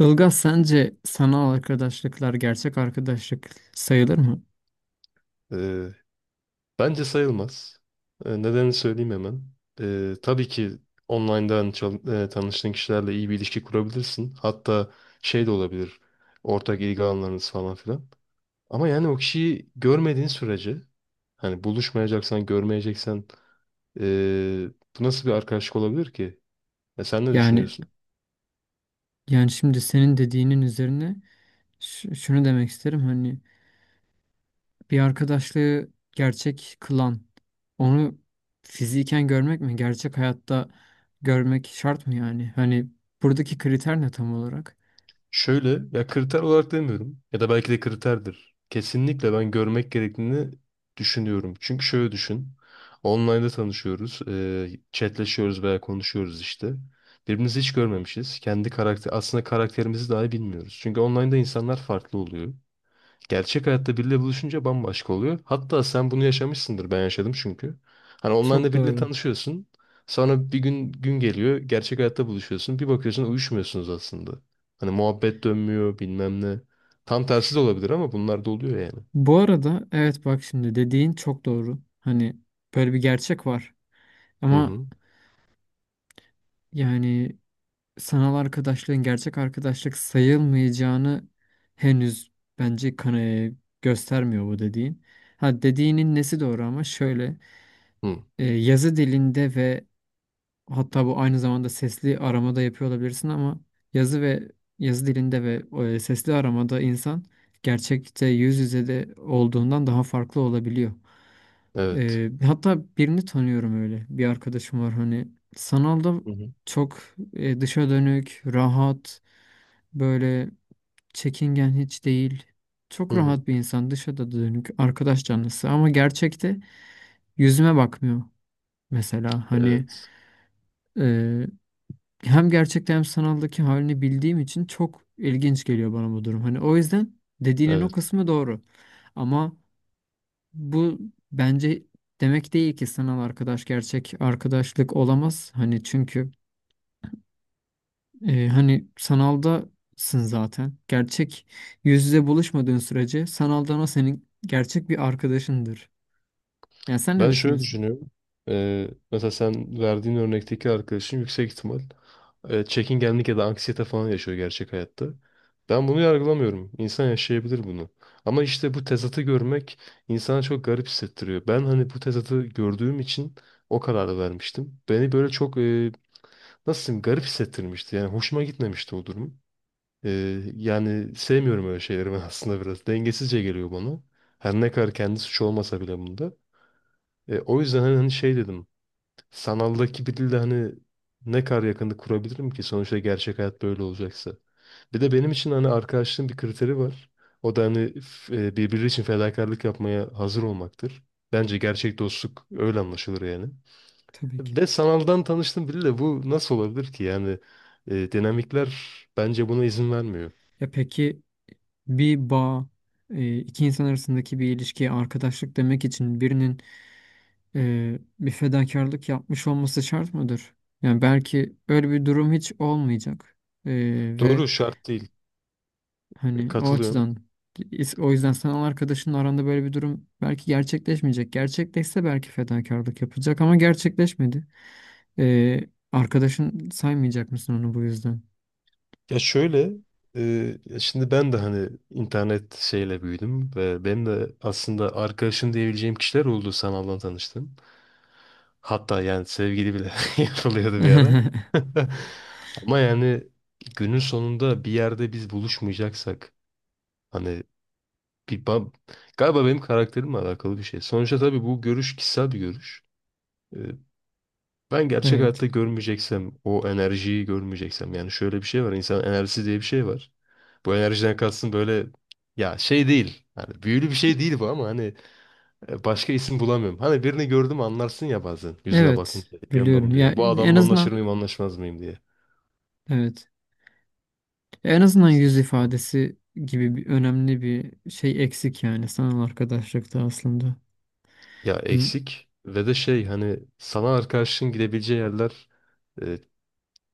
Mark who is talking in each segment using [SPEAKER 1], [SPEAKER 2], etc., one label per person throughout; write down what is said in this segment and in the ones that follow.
[SPEAKER 1] Ilgaz sence sanal arkadaşlıklar gerçek arkadaşlık sayılır mı?
[SPEAKER 2] Ee, bence sayılmaz. Nedenini söyleyeyim hemen. Tabii ki online'dan tanıştığın kişilerle iyi bir ilişki kurabilirsin. Hatta şey de olabilir. Ortak ilgi alanlarınız falan filan. Ama yani o kişiyi görmediğin sürece hani buluşmayacaksan, görmeyeceksen ee, bu nasıl bir arkadaşlık olabilir ki? E, sen ne
[SPEAKER 1] Yani
[SPEAKER 2] düşünüyorsun?
[SPEAKER 1] yani şimdi senin dediğinin üzerine şunu demek isterim. Hani bir arkadaşlığı gerçek kılan onu fiziken görmek mi? Gerçek hayatta görmek şart mı yani? Hani buradaki kriter ne tam olarak?
[SPEAKER 2] Şöyle ya, kriter olarak demiyorum ya da belki de kriterdir. Kesinlikle ben görmek gerektiğini düşünüyorum. Çünkü şöyle düşün. Online'da tanışıyoruz. E, chatleşiyoruz veya konuşuyoruz işte. Birbirimizi hiç görmemişiz. Kendi karakter aslında karakterimizi dahi bilmiyoruz. Çünkü online'da insanlar farklı oluyor. Gerçek hayatta biriyle buluşunca bambaşka oluyor. Hatta sen bunu yaşamışsındır. Ben yaşadım çünkü. Hani onlarla
[SPEAKER 1] Çok
[SPEAKER 2] biriyle
[SPEAKER 1] doğru.
[SPEAKER 2] tanışıyorsun. Sonra bir gün geliyor. Gerçek hayatta buluşuyorsun. Bir bakıyorsun uyuşmuyorsunuz aslında. Hani muhabbet dönmüyor bilmem ne. Tam tersi de olabilir ama bunlar da oluyor yani.
[SPEAKER 1] Bu arada evet, bak şimdi dediğin çok doğru. Hani böyle bir gerçek var.
[SPEAKER 2] Hı
[SPEAKER 1] Ama
[SPEAKER 2] hı.
[SPEAKER 1] yani sanal arkadaşlığın gerçek arkadaşlık sayılmayacağını henüz bence göstermiyor bu dediğin. Ha, dediğinin nesi doğru ama şöyle,
[SPEAKER 2] Hı.
[SPEAKER 1] yazı dilinde ve hatta bu aynı zamanda sesli aramada yapıyor olabilirsin ama yazı ve yazı dilinde ve e, sesli aramada insan gerçekte yüz yüze de olduğundan daha farklı olabiliyor.
[SPEAKER 2] Evet.
[SPEAKER 1] Hatta birini tanıyorum öyle. Bir arkadaşım var, hani sanalda
[SPEAKER 2] Hı hı.
[SPEAKER 1] çok dışa dönük, rahat, böyle çekingen hiç değil.
[SPEAKER 2] Hı
[SPEAKER 1] Çok
[SPEAKER 2] hı.
[SPEAKER 1] rahat bir insan, dışa da dönük, arkadaş canlısı ama gerçekte yüzüme bakmıyor mesela. Hani
[SPEAKER 2] Evet.
[SPEAKER 1] e, hem gerçekte hem sanaldaki halini bildiğim için çok ilginç geliyor bana bu durum. Hani o yüzden dediğinin o
[SPEAKER 2] Evet.
[SPEAKER 1] kısmı doğru. Ama bu bence demek değil ki sanal arkadaş gerçek arkadaşlık olamaz. Hani çünkü hani sanaldasın zaten. Gerçek yüz yüze buluşmadığın sürece sanaldan o senin gerçek bir arkadaşındır. Yani sen ne
[SPEAKER 2] Ben şöyle
[SPEAKER 1] düşünüyorsun?
[SPEAKER 2] düşünüyorum. Mesela sen verdiğin örnekteki arkadaşın yüksek ihtimal çekingenlik ya da anksiyete falan yaşıyor gerçek hayatta. Ben bunu yargılamıyorum. İnsan yaşayabilir bunu. Ama işte bu tezatı görmek insana çok garip hissettiriyor. Ben hani bu tezatı gördüğüm için o kararı vermiştim. Beni böyle çok nasıl diyeyim garip hissettirmişti. Yani hoşuma gitmemişti o durum. Yani sevmiyorum öyle şeyleri ben aslında biraz. Dengesizce geliyor bana. Her ne kadar kendi suçu olmasa bile bunda. E, o yüzden hani şey dedim. Sanaldaki biriyle hani ne kadar yakınlık kurabilirim ki sonuçta gerçek hayat böyle olacaksa. Bir de benim için hani arkadaşlığın bir kriteri var. O da hani birbiri için fedakarlık yapmaya hazır olmaktır. Bence gerçek dostluk öyle anlaşılır yani.
[SPEAKER 1] Tabii ki.
[SPEAKER 2] Ve sanaldan tanıştım biriyle bu nasıl olabilir ki? Yani dinamikler bence buna izin vermiyor.
[SPEAKER 1] Ya peki bir bağ, iki insan arasındaki bir ilişkiye arkadaşlık demek için birinin bir fedakarlık yapmış olması şart mıdır? Yani belki öyle bir durum hiç olmayacak. E, ve
[SPEAKER 2] Doğru, şart değil. E,
[SPEAKER 1] Hani o
[SPEAKER 2] katılıyorum.
[SPEAKER 1] açıdan o yüzden sen o arkadaşınla aranda böyle bir durum belki gerçekleşmeyecek. Gerçekleşse belki fedakarlık yapılacak ama gerçekleşmedi. Ee, Arkadaşın saymayacak mısın onu bu yüzden?
[SPEAKER 2] Ya şöyle, e, ya şimdi ben de hani internet şeyle büyüdüm ve benim de aslında arkadaşım diyebileceğim kişiler oldu sanaldan tanıştım. Hatta yani sevgili bile yapılıyordu bir ara. Ama yani günün sonunda bir yerde biz buluşmayacaksak hani bir ba- galiba benim karakterimle alakalı bir şey. Sonuçta tabii bu görüş kişisel bir görüş. E, Ben gerçek hayatta
[SPEAKER 1] Evet.
[SPEAKER 2] görmeyeceksem, o enerjiyi görmeyeceksem yani şöyle bir şey var. İnsan enerjisi diye bir şey var. Bu enerjiden kalsın böyle ya, şey değil. Hani büyülü bir şey değil bu ama hani başka isim bulamıyorum. Hani birini gördüm anlarsın ya bazen yüzüne
[SPEAKER 1] Evet,
[SPEAKER 2] bakınca yanında mı
[SPEAKER 1] biliyorum.
[SPEAKER 2] diye.
[SPEAKER 1] Ya
[SPEAKER 2] Ya, bu
[SPEAKER 1] en
[SPEAKER 2] adamla anlaşır
[SPEAKER 1] azından
[SPEAKER 2] mıyım anlaşmaz mıyım diye.
[SPEAKER 1] evet. En azından yüz
[SPEAKER 2] Hı.
[SPEAKER 1] ifadesi gibi bir önemli bir şey eksik yani sanal arkadaşlıkta aslında.
[SPEAKER 2] Ya
[SPEAKER 1] Hı
[SPEAKER 2] eksik ve de şey hani sana arkadaşın gidebileceği yerler, e,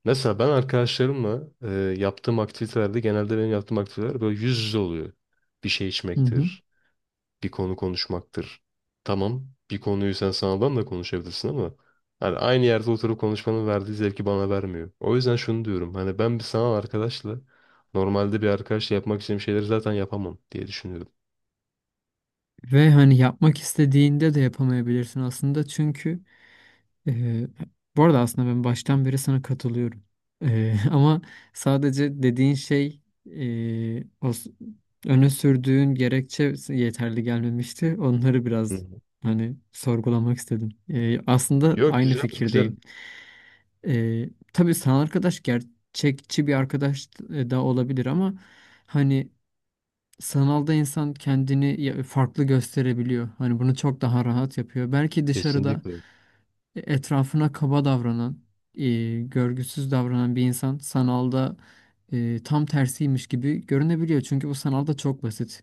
[SPEAKER 2] mesela ben arkadaşlarımla yaptığım aktivitelerde genelde benim yaptığım aktiviteler böyle yüz yüze oluyor. Bir şey
[SPEAKER 1] hı.
[SPEAKER 2] içmektir, bir konu konuşmaktır. Tamam, bir konuyu sen sanaldan da konuşabilirsin ama hani aynı yerde oturup konuşmanın verdiği zevki bana vermiyor. O yüzden şunu diyorum. Hani ben bir sanal arkadaşla normalde bir arkadaşla yapmak istediğim şeyleri zaten yapamam diye düşünüyorum.
[SPEAKER 1] Ve hani yapmak istediğinde de yapamayabilirsin aslında çünkü. Ee, Bu arada aslında ben baştan beri sana katılıyorum. Ama sadece dediğin şey, e, o s- öne sürdüğün gerekçe yeterli gelmemişti. Onları
[SPEAKER 2] Hı
[SPEAKER 1] biraz
[SPEAKER 2] hı.
[SPEAKER 1] hani sorgulamak istedim. Aslında
[SPEAKER 2] Yok,
[SPEAKER 1] aynı
[SPEAKER 2] güzel,
[SPEAKER 1] fikirdeyim.
[SPEAKER 2] güzel.
[SPEAKER 1] Tabii sanal arkadaş gerçekçi bir arkadaş da olabilir ama hani sanalda insan kendini farklı gösterebiliyor. Hani bunu çok daha rahat yapıyor. Belki dışarıda
[SPEAKER 2] Kesinlikle.
[SPEAKER 1] etrafına kaba davranan, görgüsüz davranan bir insan sanalda tam tersiymiş gibi görünebiliyor. Çünkü bu sanalda çok basit.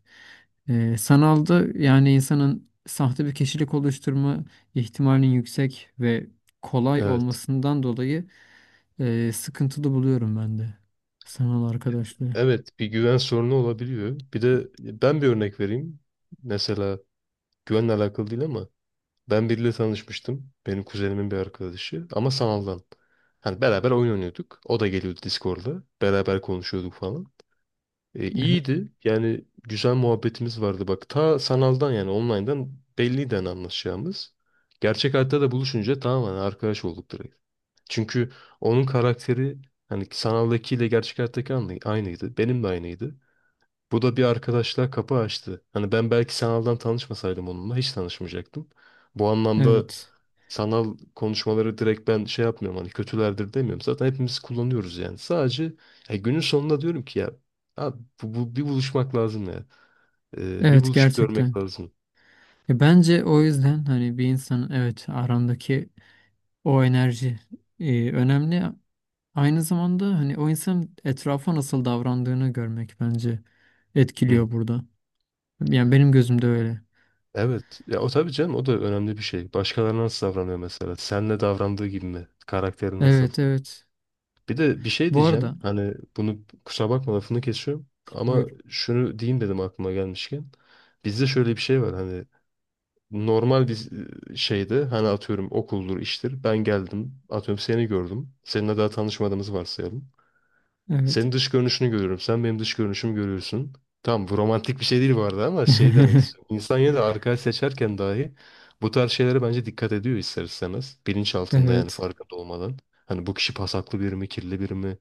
[SPEAKER 1] Sanalda yani insanın sahte bir kişilik oluşturma ihtimalinin yüksek ve kolay
[SPEAKER 2] Evet.
[SPEAKER 1] olmasından dolayı sıkıntılı buluyorum ben de sanal arkadaşlığı.
[SPEAKER 2] Evet, bir güven sorunu olabiliyor. Bir de ben bir örnek vereyim. Mesela güvenle alakalı değil ama ben biriyle tanışmıştım. Benim kuzenimin bir arkadaşı ama sanaldan. Hani beraber oyun oynuyorduk. O da geliyordu Discord'da, beraber konuşuyorduk falan. E,
[SPEAKER 1] Evet,
[SPEAKER 2] iyiydi. Yani güzel muhabbetimiz vardı. Bak ta sanaldan yani online'dan belliydi hani anlaşacağımız. Gerçek hayatta da buluşunca tamamen arkadaş olduk direkt. Çünkü onun karakteri hani sanaldakiyle gerçek hayattaki aynıydı. Benim de aynıydı. Bu da bir arkadaşlığa kapı açtı. Hani ben belki sanaldan tanışmasaydım onunla hiç tanışmayacaktım. Bu anlamda
[SPEAKER 1] evet,
[SPEAKER 2] sanal konuşmaları direkt ben şey yapmıyorum hani kötülerdir demiyorum. Zaten hepimiz kullanıyoruz yani. Sadece ya günün sonunda diyorum ki ya abi bir buluşmak lazım ya. Bir
[SPEAKER 1] evet,
[SPEAKER 2] buluşup görmek
[SPEAKER 1] gerçekten.
[SPEAKER 2] lazım.
[SPEAKER 1] Ya bence o yüzden hani bir insanın, evet, arandaki o enerji önemli. Aynı zamanda hani o insanın etrafa nasıl davrandığını görmek bence
[SPEAKER 2] Hı.
[SPEAKER 1] etkiliyor burada. Yani benim gözümde öyle.
[SPEAKER 2] Evet. Ya o tabii canım o da önemli bir şey. Başkalarına nasıl davranıyor mesela? Senle davrandığı gibi mi? Karakteri nasıl?
[SPEAKER 1] Evet, evet.
[SPEAKER 2] Bir de bir şey
[SPEAKER 1] Bu arada
[SPEAKER 2] diyeceğim. Hani bunu kusura bakma, lafını kesiyorum. Ama
[SPEAKER 1] buyur.
[SPEAKER 2] şunu diyeyim dedim aklıma gelmişken. Bizde şöyle bir şey var hani normal bir şeydi. Hani atıyorum okuldur, iştir. Ben geldim. Atıyorum seni gördüm. Seninle daha tanışmadığımızı varsayalım.
[SPEAKER 1] Evet.
[SPEAKER 2] Senin dış görünüşünü görüyorum. Sen benim dış görünüşümü görüyorsun. Tamam, bu romantik bir şey değil bu arada ama şey demek istiyorum. İnsan yine de arkadaş seçerken dahi bu tarz şeylere bence dikkat ediyor ister istemez. Bilinç altında yani
[SPEAKER 1] Evet.
[SPEAKER 2] farkında olmadan. Hani bu kişi pasaklı biri mi, kirli biri mi?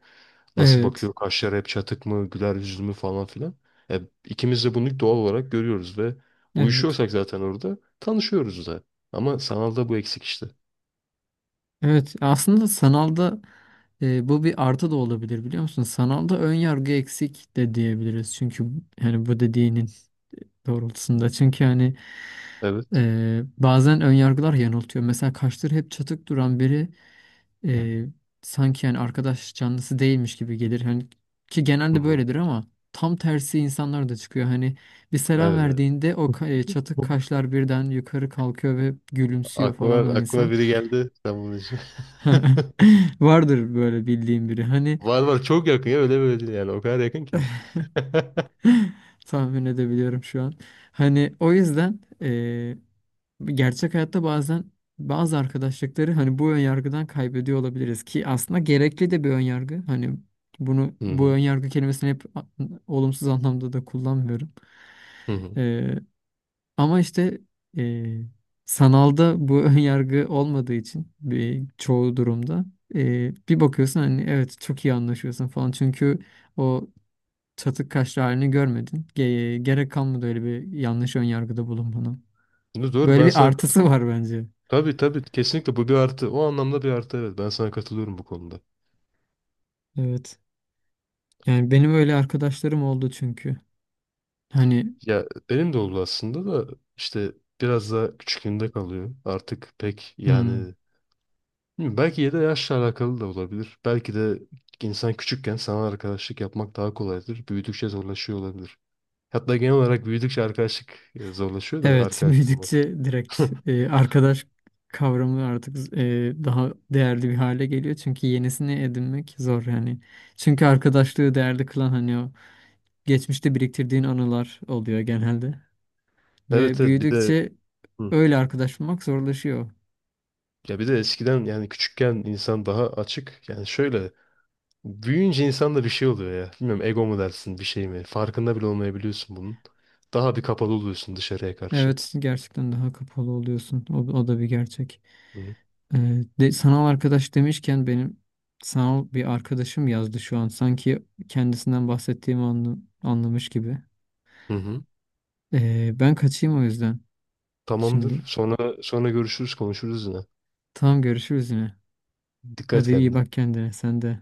[SPEAKER 2] Nasıl
[SPEAKER 1] Evet.
[SPEAKER 2] bakıyor? Kaşları hep çatık mı? Güler yüzlü mü falan filan. E, ikimiz de bunu doğal olarak görüyoruz ve
[SPEAKER 1] Evet.
[SPEAKER 2] uyuşuyorsak zaten orada tanışıyoruz da. Ama sanalda bu eksik işte.
[SPEAKER 1] Evet. Aslında sanalda bu bir artı da olabilir, biliyor musun? Sanalda ön yargı eksik de diyebiliriz. Çünkü hani bu dediğinin doğrultusunda. Çünkü hani
[SPEAKER 2] Evet.
[SPEAKER 1] bazen ön yargılar yanıltıyor. Mesela kaşları hep çatık duran biri e, sanki yani arkadaş canlısı değilmiş gibi gelir. Hani ki
[SPEAKER 2] Hı
[SPEAKER 1] genelde
[SPEAKER 2] hı.
[SPEAKER 1] böyledir ama tam tersi insanlar da çıkıyor. Hani bir selam
[SPEAKER 2] Evet, evet.
[SPEAKER 1] verdiğinde çatık kaşlar birden yukarı kalkıyor ve gülümsüyor
[SPEAKER 2] Aklıma,
[SPEAKER 1] falan o insan.
[SPEAKER 2] aklıma biri geldi sen bunun için.
[SPEAKER 1] Vardır böyle bildiğim biri. Hani
[SPEAKER 2] Var var, çok yakın ya, öyle böyle değil, yani o kadar yakın ki.
[SPEAKER 1] tahmin edebiliyorum şu an. Hani o yüzden gerçek hayatta bazen bazı arkadaşlıkları hani bu ön yargıdan kaybediyor olabiliriz ki aslında gerekli de bir ön yargı. Hani
[SPEAKER 2] Hı
[SPEAKER 1] bu
[SPEAKER 2] hı.
[SPEAKER 1] ön yargı kelimesini hep olumsuz anlamda da kullanmıyorum.
[SPEAKER 2] Hı hı.
[SPEAKER 1] Eee, Ama işte eee, sanalda bu ön yargı olmadığı için bir çoğu durumda bir bakıyorsun hani evet çok iyi anlaşıyorsun falan çünkü o çatık kaşlı halini görmedin. Gerek kalmadı öyle bir yanlış ön yargıda bulunmana.
[SPEAKER 2] Dur,
[SPEAKER 1] Böyle
[SPEAKER 2] ben
[SPEAKER 1] bir
[SPEAKER 2] sana
[SPEAKER 1] artısı
[SPEAKER 2] katılıyorum.
[SPEAKER 1] var bence.
[SPEAKER 2] Tabii tabii, kesinlikle bu bir artı. O anlamda bir artı, evet, ben sana katılıyorum bu konuda.
[SPEAKER 1] Evet. Yani benim öyle arkadaşlarım oldu çünkü. Hani
[SPEAKER 2] Ya benim de oldu aslında da işte biraz daha küçüklüğünde kalıyor. Artık pek
[SPEAKER 1] hmm,
[SPEAKER 2] yani bilmiyorum, belki ya da yaşla alakalı da olabilir. Belki de insan küçükken sana arkadaşlık yapmak daha kolaydır. Büyüdükçe zorlaşıyor olabilir. Hatta genel olarak büyüdükçe arkadaşlık zorlaşıyor da
[SPEAKER 1] evet,
[SPEAKER 2] arkadaş bulmak.
[SPEAKER 1] büyüdükçe direkt arkadaş kavramı artık daha değerli bir hale geliyor. Çünkü yenisini edinmek zor yani. Çünkü arkadaşlığı değerli kılan hani o geçmişte biriktirdiğin anılar oluyor genelde.
[SPEAKER 2] Evet
[SPEAKER 1] Ve
[SPEAKER 2] evet, bir de
[SPEAKER 1] büyüdükçe
[SPEAKER 2] hı.
[SPEAKER 1] öyle arkadaş bulmak zorlaşıyor.
[SPEAKER 2] Ya bir de eskiden yani küçükken insan daha açık. Yani şöyle büyüyünce insanda bir şey oluyor ya. Bilmiyorum, ego mu dersin bir şey mi? Farkında bile olmayabiliyorsun bunun. Daha bir kapalı oluyorsun dışarıya karşı.
[SPEAKER 1] Evet, gerçekten daha kapalı oluyorsun. O, o da bir gerçek.
[SPEAKER 2] Hı hı.
[SPEAKER 1] Sanal arkadaş demişken benim sanal bir arkadaşım yazdı şu an. Sanki kendisinden bahsettiğimi anlamış gibi.
[SPEAKER 2] Hı hı.
[SPEAKER 1] Ben kaçayım o yüzden
[SPEAKER 2] Tamamdır.
[SPEAKER 1] şimdi.
[SPEAKER 2] Sonra görüşürüz, konuşuruz yine.
[SPEAKER 1] Tamam, görüşürüz yine.
[SPEAKER 2] Dikkat et
[SPEAKER 1] Hadi, iyi
[SPEAKER 2] kendine.
[SPEAKER 1] bak kendine sen de.